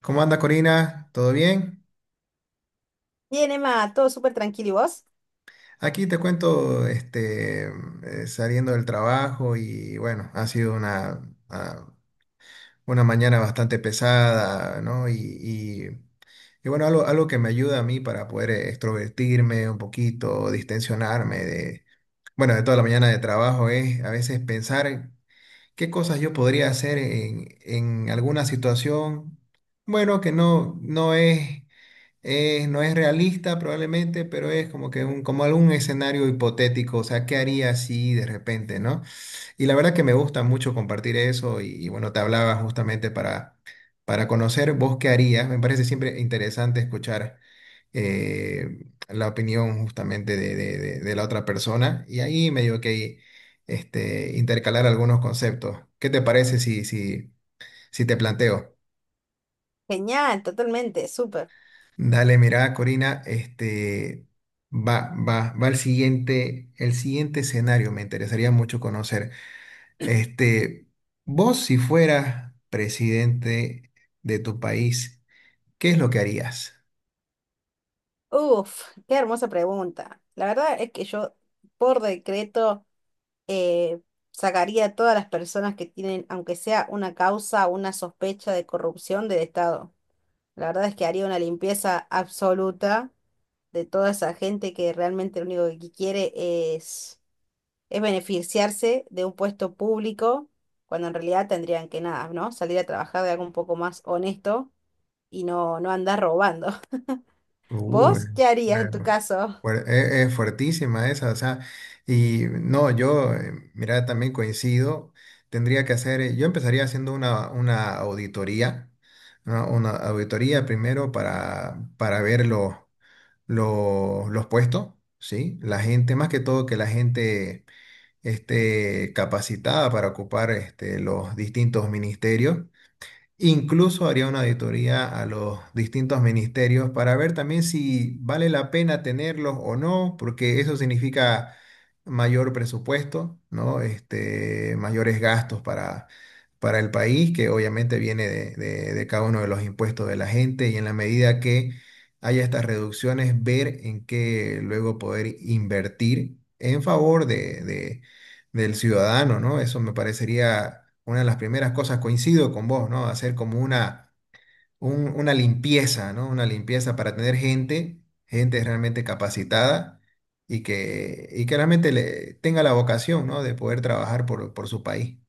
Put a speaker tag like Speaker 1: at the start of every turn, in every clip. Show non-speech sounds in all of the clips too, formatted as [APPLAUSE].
Speaker 1: ¿Cómo anda Corina? ¿Todo bien?
Speaker 2: Bien, Emma, todo súper tranquilo. ¿Y vos?
Speaker 1: Aquí te cuento, saliendo del trabajo y bueno, ha sido ah, una mañana bastante pesada, ¿no? Bueno, algo que me ayuda a mí para poder extrovertirme un poquito, distensionarme bueno, de toda la mañana de trabajo es a veces pensar qué cosas yo podría hacer en alguna situación, bueno, que no, no es no es realista probablemente, pero es como como algún escenario hipotético, o sea, ¿qué haría si de repente, no? Y la verdad que me gusta mucho compartir eso y bueno, te hablaba justamente para conocer vos qué harías. Me parece siempre interesante escuchar la opinión justamente de la otra persona y ahí medio que este, intercalar algunos conceptos. ¿Qué te parece si te planteo?
Speaker 2: Genial, totalmente, súper.
Speaker 1: Dale, mira, Corina, este va el siguiente escenario. Me interesaría mucho conocer. Este, vos, si fueras presidente de tu país, ¿qué es lo que harías?
Speaker 2: Uf, qué hermosa pregunta. La verdad es que yo, por decreto, eh, sacaría a todas las personas que tienen, aunque sea una causa o una sospecha de corrupción del Estado. La verdad es que haría una limpieza absoluta de toda esa gente que realmente lo único que quiere es, es beneficiarse de un puesto público, cuando en realidad tendrían que nada, ¿no? Salir a trabajar de algo un poco más honesto y no, no andar robando. [LAUGHS]
Speaker 1: Uy,
Speaker 2: ¿Vos qué harías en tu
Speaker 1: bueno,
Speaker 2: caso?
Speaker 1: es fuertísima esa, o sea, y no, yo, mira, también coincido. Tendría que hacer, yo empezaría haciendo una auditoría, ¿no? Una auditoría primero para verlo los puestos, ¿sí? La gente, más que todo, que la gente esté capacitada para ocupar este, los distintos ministerios. Incluso haría una auditoría a los distintos ministerios para ver también si vale la pena tenerlos o no, porque eso significa mayor presupuesto, ¿no? Este, mayores gastos para el país, que obviamente viene de cada uno de los impuestos de la gente, y en la medida que haya estas reducciones, ver en qué luego poder invertir en favor de del ciudadano, ¿no? Eso me parecería una de las primeras cosas. Coincido con vos, ¿no? Hacer como una, una limpieza, ¿no? Una limpieza para tener gente realmente capacitada y que realmente le, tenga la vocación, ¿no? De poder trabajar por su país.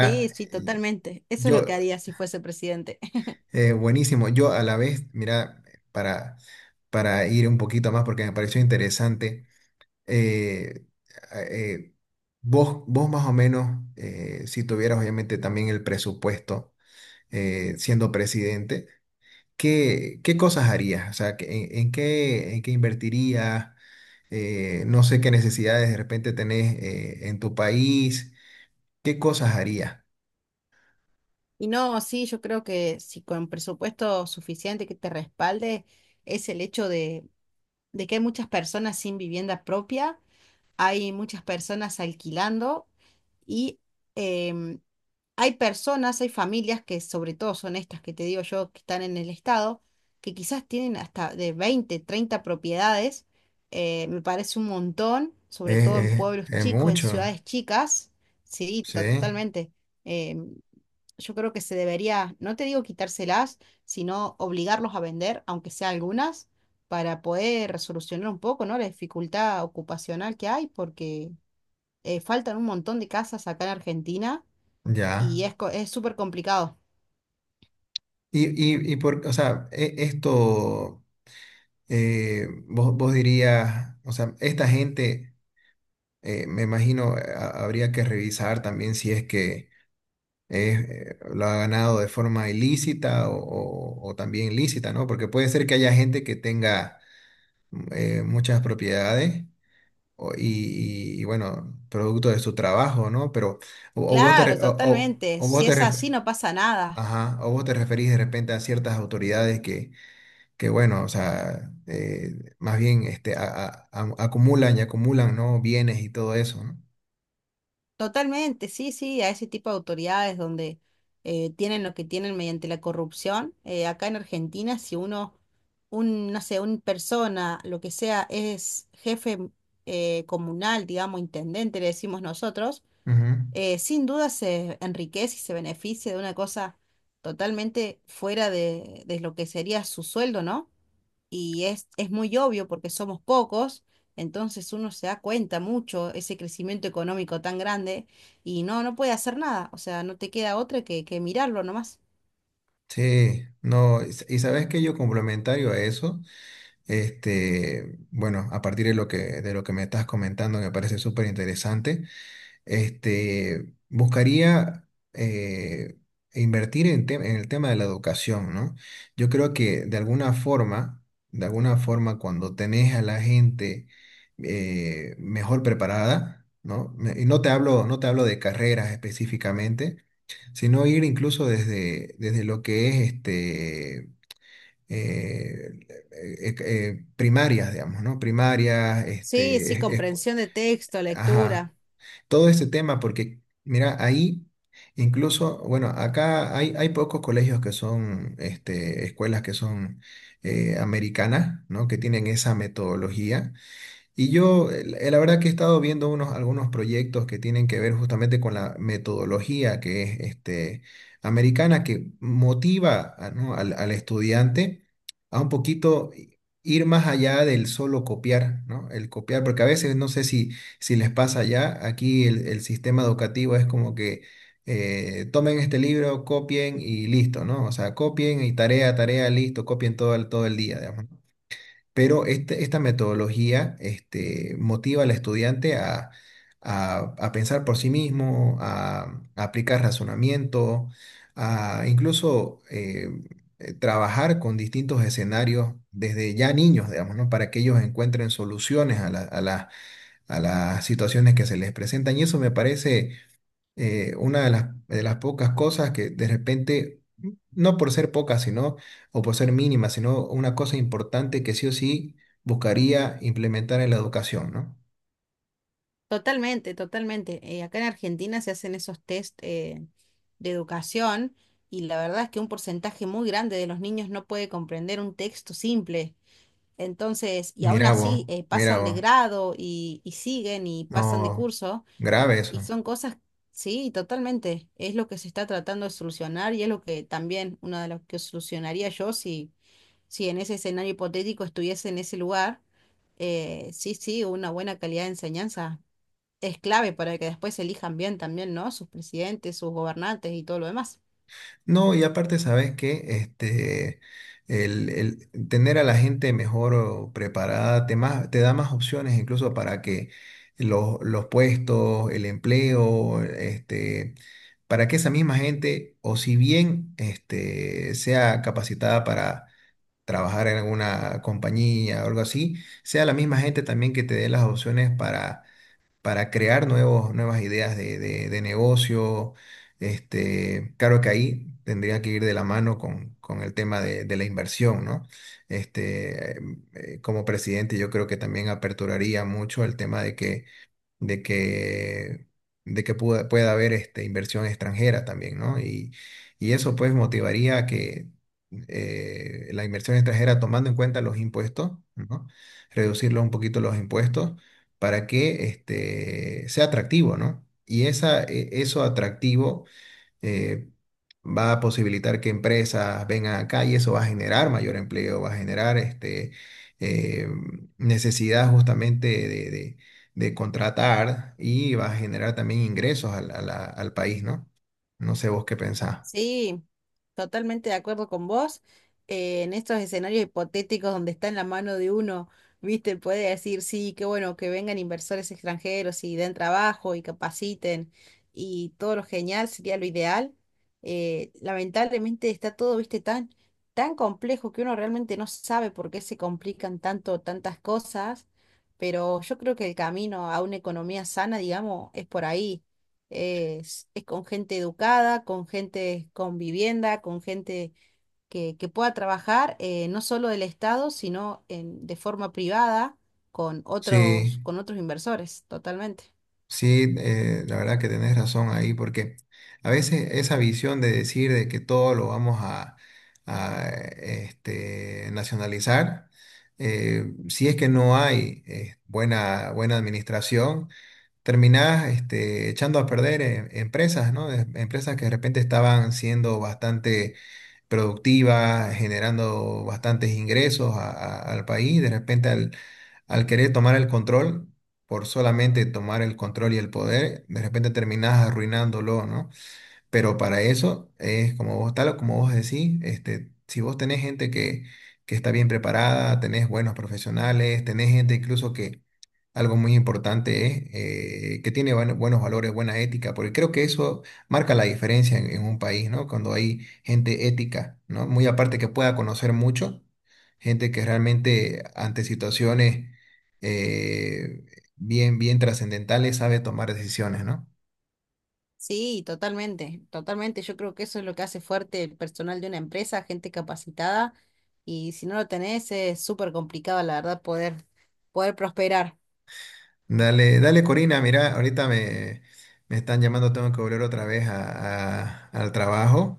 Speaker 2: Sí, sí, totalmente. Eso es
Speaker 1: yo,
Speaker 2: lo que haría si fuese presidente. [LAUGHS]
Speaker 1: buenísimo, yo a la vez, mira, para, para ir un poquito más porque me pareció interesante. eh, eh, vos más o menos, si tuvieras obviamente también el presupuesto siendo presidente, ¿ qué cosas harías? O sea, ¿ en qué invertirías? No sé qué necesidades de repente tenés en tu país. ¿Qué cosas harías?
Speaker 2: Y no, sí, yo creo que si con presupuesto suficiente que te respalde es el hecho de que hay muchas personas sin vivienda propia, hay muchas personas alquilando y em, hay personas, hay familias que sobre todo son estas que te digo yo, que están en el estado, que quizás tienen hasta de 20, 30 propiedades. Me parece un montón, sobre todo en pueblos
Speaker 1: Es
Speaker 2: chicos, en
Speaker 1: mucho,
Speaker 2: ciudades chicas. Sí,
Speaker 1: sí,
Speaker 2: totalmente. Eh, yo creo que se debería, no te digo quitárselas, sino obligarlos a vender, aunque sea algunas, para poder resolucionar un poco, ¿no? La dificultad ocupacional que hay, porque faltan un montón de casas acá en Argentina
Speaker 1: ya.
Speaker 2: y es, es súper complicado.
Speaker 1: Y, y por, o sea, esto, vos, vos dirías, o sea, esta gente. Me imagino habría que revisar también si es que lo ha ganado de forma ilícita o también lícita, ¿no? Porque puede ser que haya gente que tenga muchas propiedades y, bueno, producto de su trabajo, ¿no? Pero
Speaker 2: Claro, totalmente.
Speaker 1: o vos
Speaker 2: Si
Speaker 1: te
Speaker 2: es así, no pasa nada.
Speaker 1: ajá, o vos te referís de repente a ciertas autoridades que bueno, o sea, más bien este, acumulan y acumulan, ¿no? Bienes y todo eso, ¿no?
Speaker 2: Totalmente, sí, sí, a ese tipo de autoridades donde tienen lo que tienen mediante la corrupción. Acá en Argentina, si uno, un, no sé, una persona, lo que sea, es jefe comunal, digamos, intendente, le decimos nosotros,
Speaker 1: Ujú.
Speaker 2: sin duda se enriquece y se beneficia de una cosa totalmente fuera de lo que sería su sueldo, ¿no? Y es muy obvio porque somos pocos, entonces uno se da cuenta mucho ese crecimiento económico tan grande y no, no puede hacer nada, o sea, no te queda otra que mirarlo nomás.
Speaker 1: Sí, no, y sabes que yo complementario a eso, este, bueno, a partir de lo que me estás comentando, me parece súper interesante, este, buscaría invertir en, en el tema de la educación, ¿no? Yo creo que de alguna forma, cuando tenés a la gente mejor preparada, ¿no? Y no te hablo, no te hablo de carreras específicamente, sino ir incluso desde lo que es este, eh, primarias, digamos, ¿no? Primarias,
Speaker 2: Sí,
Speaker 1: este,
Speaker 2: sí, comprensión de texto,
Speaker 1: ajá,
Speaker 2: lectura,
Speaker 1: todo este tema, porque mira, ahí incluso, bueno, acá hay pocos colegios que son, este, escuelas que son americanas, ¿no? Que tienen esa metodología y yo, la verdad que he estado viendo unos, algunos proyectos que tienen que ver justamente con la metodología que es este, americana, que motiva ¿no? Al estudiante a un poquito ir más allá del solo copiar, ¿no? El copiar, porque a veces no sé si les pasa ya, aquí el sistema educativo es como que tomen este libro, copien y listo, ¿no? O sea, copien y tarea, tarea, listo, copien todo el día, digamos, ¿no? Pero esta metodología este, motiva al estudiante a, a pensar por sí mismo, a aplicar razonamiento, a incluso trabajar con distintos escenarios desde ya niños, digamos, ¿no? Para que ellos encuentren soluciones a las situaciones que se les presentan. Y eso me parece una de las pocas cosas que de repente, no por ser pocas, sino, o por ser mínima, sino una cosa importante que sí o sí buscaría implementar en la educación, ¿no?
Speaker 2: totalmente, totalmente. Acá en Argentina se hacen esos test de educación y la verdad es que un porcentaje muy grande de los niños no puede comprender un texto simple. Entonces, y aún
Speaker 1: Mira vos,
Speaker 2: así
Speaker 1: mira
Speaker 2: pasan de
Speaker 1: vos,
Speaker 2: grado y siguen y pasan de
Speaker 1: no,
Speaker 2: curso.
Speaker 1: grave
Speaker 2: Y
Speaker 1: eso.
Speaker 2: son cosas, sí, totalmente. Es lo que se está tratando de solucionar y es lo que también, una de las que solucionaría yo si, si en ese escenario hipotético estuviese en ese lugar. Sí, sí, una buena calidad de enseñanza es clave para que después elijan bien también, ¿no? Sus presidentes, sus gobernantes y todo lo demás.
Speaker 1: No, y aparte, ¿sabes qué? Este, el tener a la gente mejor o preparada te, más, te da más opciones incluso para que los puestos, el empleo, este, para que esa misma gente, o si bien este, sea capacitada para trabajar en alguna compañía o algo así, sea la misma gente también que te dé las opciones para crear nuevos, nuevas ideas de negocio. Este, claro que ahí tendría que ir de la mano con el tema de la inversión, ¿no? Este, como presidente, yo creo que también aperturaría mucho el tema de que de que, de que pueda haber este, inversión extranjera también, ¿no? Y eso pues motivaría que la inversión extranjera, tomando en cuenta los impuestos, ¿no? Reducirlo un poquito los impuestos para que este, sea atractivo, ¿no? Y esa, eso atractivo eh, va a posibilitar que empresas vengan acá y eso va a generar mayor empleo, va a generar este, eh, necesidad justamente de contratar y va a generar también ingresos al país, ¿no? No sé vos qué pensás.
Speaker 2: Sí, totalmente de acuerdo con vos. En estos escenarios hipotéticos donde está en la mano de uno, viste, puede decir, sí, qué bueno que vengan inversores extranjeros y den trabajo y capaciten y todo lo genial sería lo ideal. Lamentablemente está todo, viste, tan, tan complejo que uno realmente no sabe por qué se complican tanto tantas cosas, pero yo creo que el camino a una economía sana, digamos, es por ahí es con gente educada, con gente con vivienda, con gente que pueda trabajar, no solo del Estado, sino de forma privada
Speaker 1: Sí.
Speaker 2: con otros inversores, totalmente.
Speaker 1: Sí, la verdad que tenés razón ahí, porque a veces esa visión de decir de que todo lo vamos este, nacionalizar, si es que no hay buena administración, terminás este, echando a perder empresas, ¿no? Empresas que de repente estaban siendo bastante productiva, generando bastantes ingresos al país. De repente, al querer tomar el control, por solamente tomar el control y el poder, de repente terminás arruinándolo, ¿no? Pero para eso es como vos, tal o como vos decís, este, si vos tenés gente que está bien preparada, tenés buenos profesionales, tenés gente incluso que algo muy importante es que tiene buenos valores, buena ética, porque creo que eso marca la diferencia en un país, ¿no? Cuando hay gente ética, ¿no? Muy aparte que pueda conocer mucho, gente que realmente ante situaciones eh, bien trascendentales sabe tomar decisiones, ¿no?
Speaker 2: Sí, totalmente, totalmente. Yo creo que eso es lo que hace fuerte el personal de una empresa, gente capacitada, y si no lo tenés, es súper complicado, la verdad, poder, poder prosperar.
Speaker 1: Dale, dale Corina, mira, me están llamando, tengo que volver otra vez al trabajo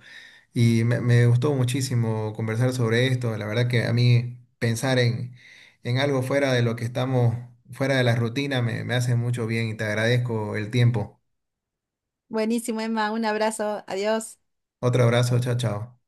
Speaker 1: me gustó muchísimo conversar sobre esto. La verdad que a mí pensar en algo fuera de lo que estamos, fuera de la rutina, me hace mucho bien y te agradezco el tiempo.
Speaker 2: Buenísimo, Emma, un abrazo, adiós.
Speaker 1: Otro abrazo, chao, chao.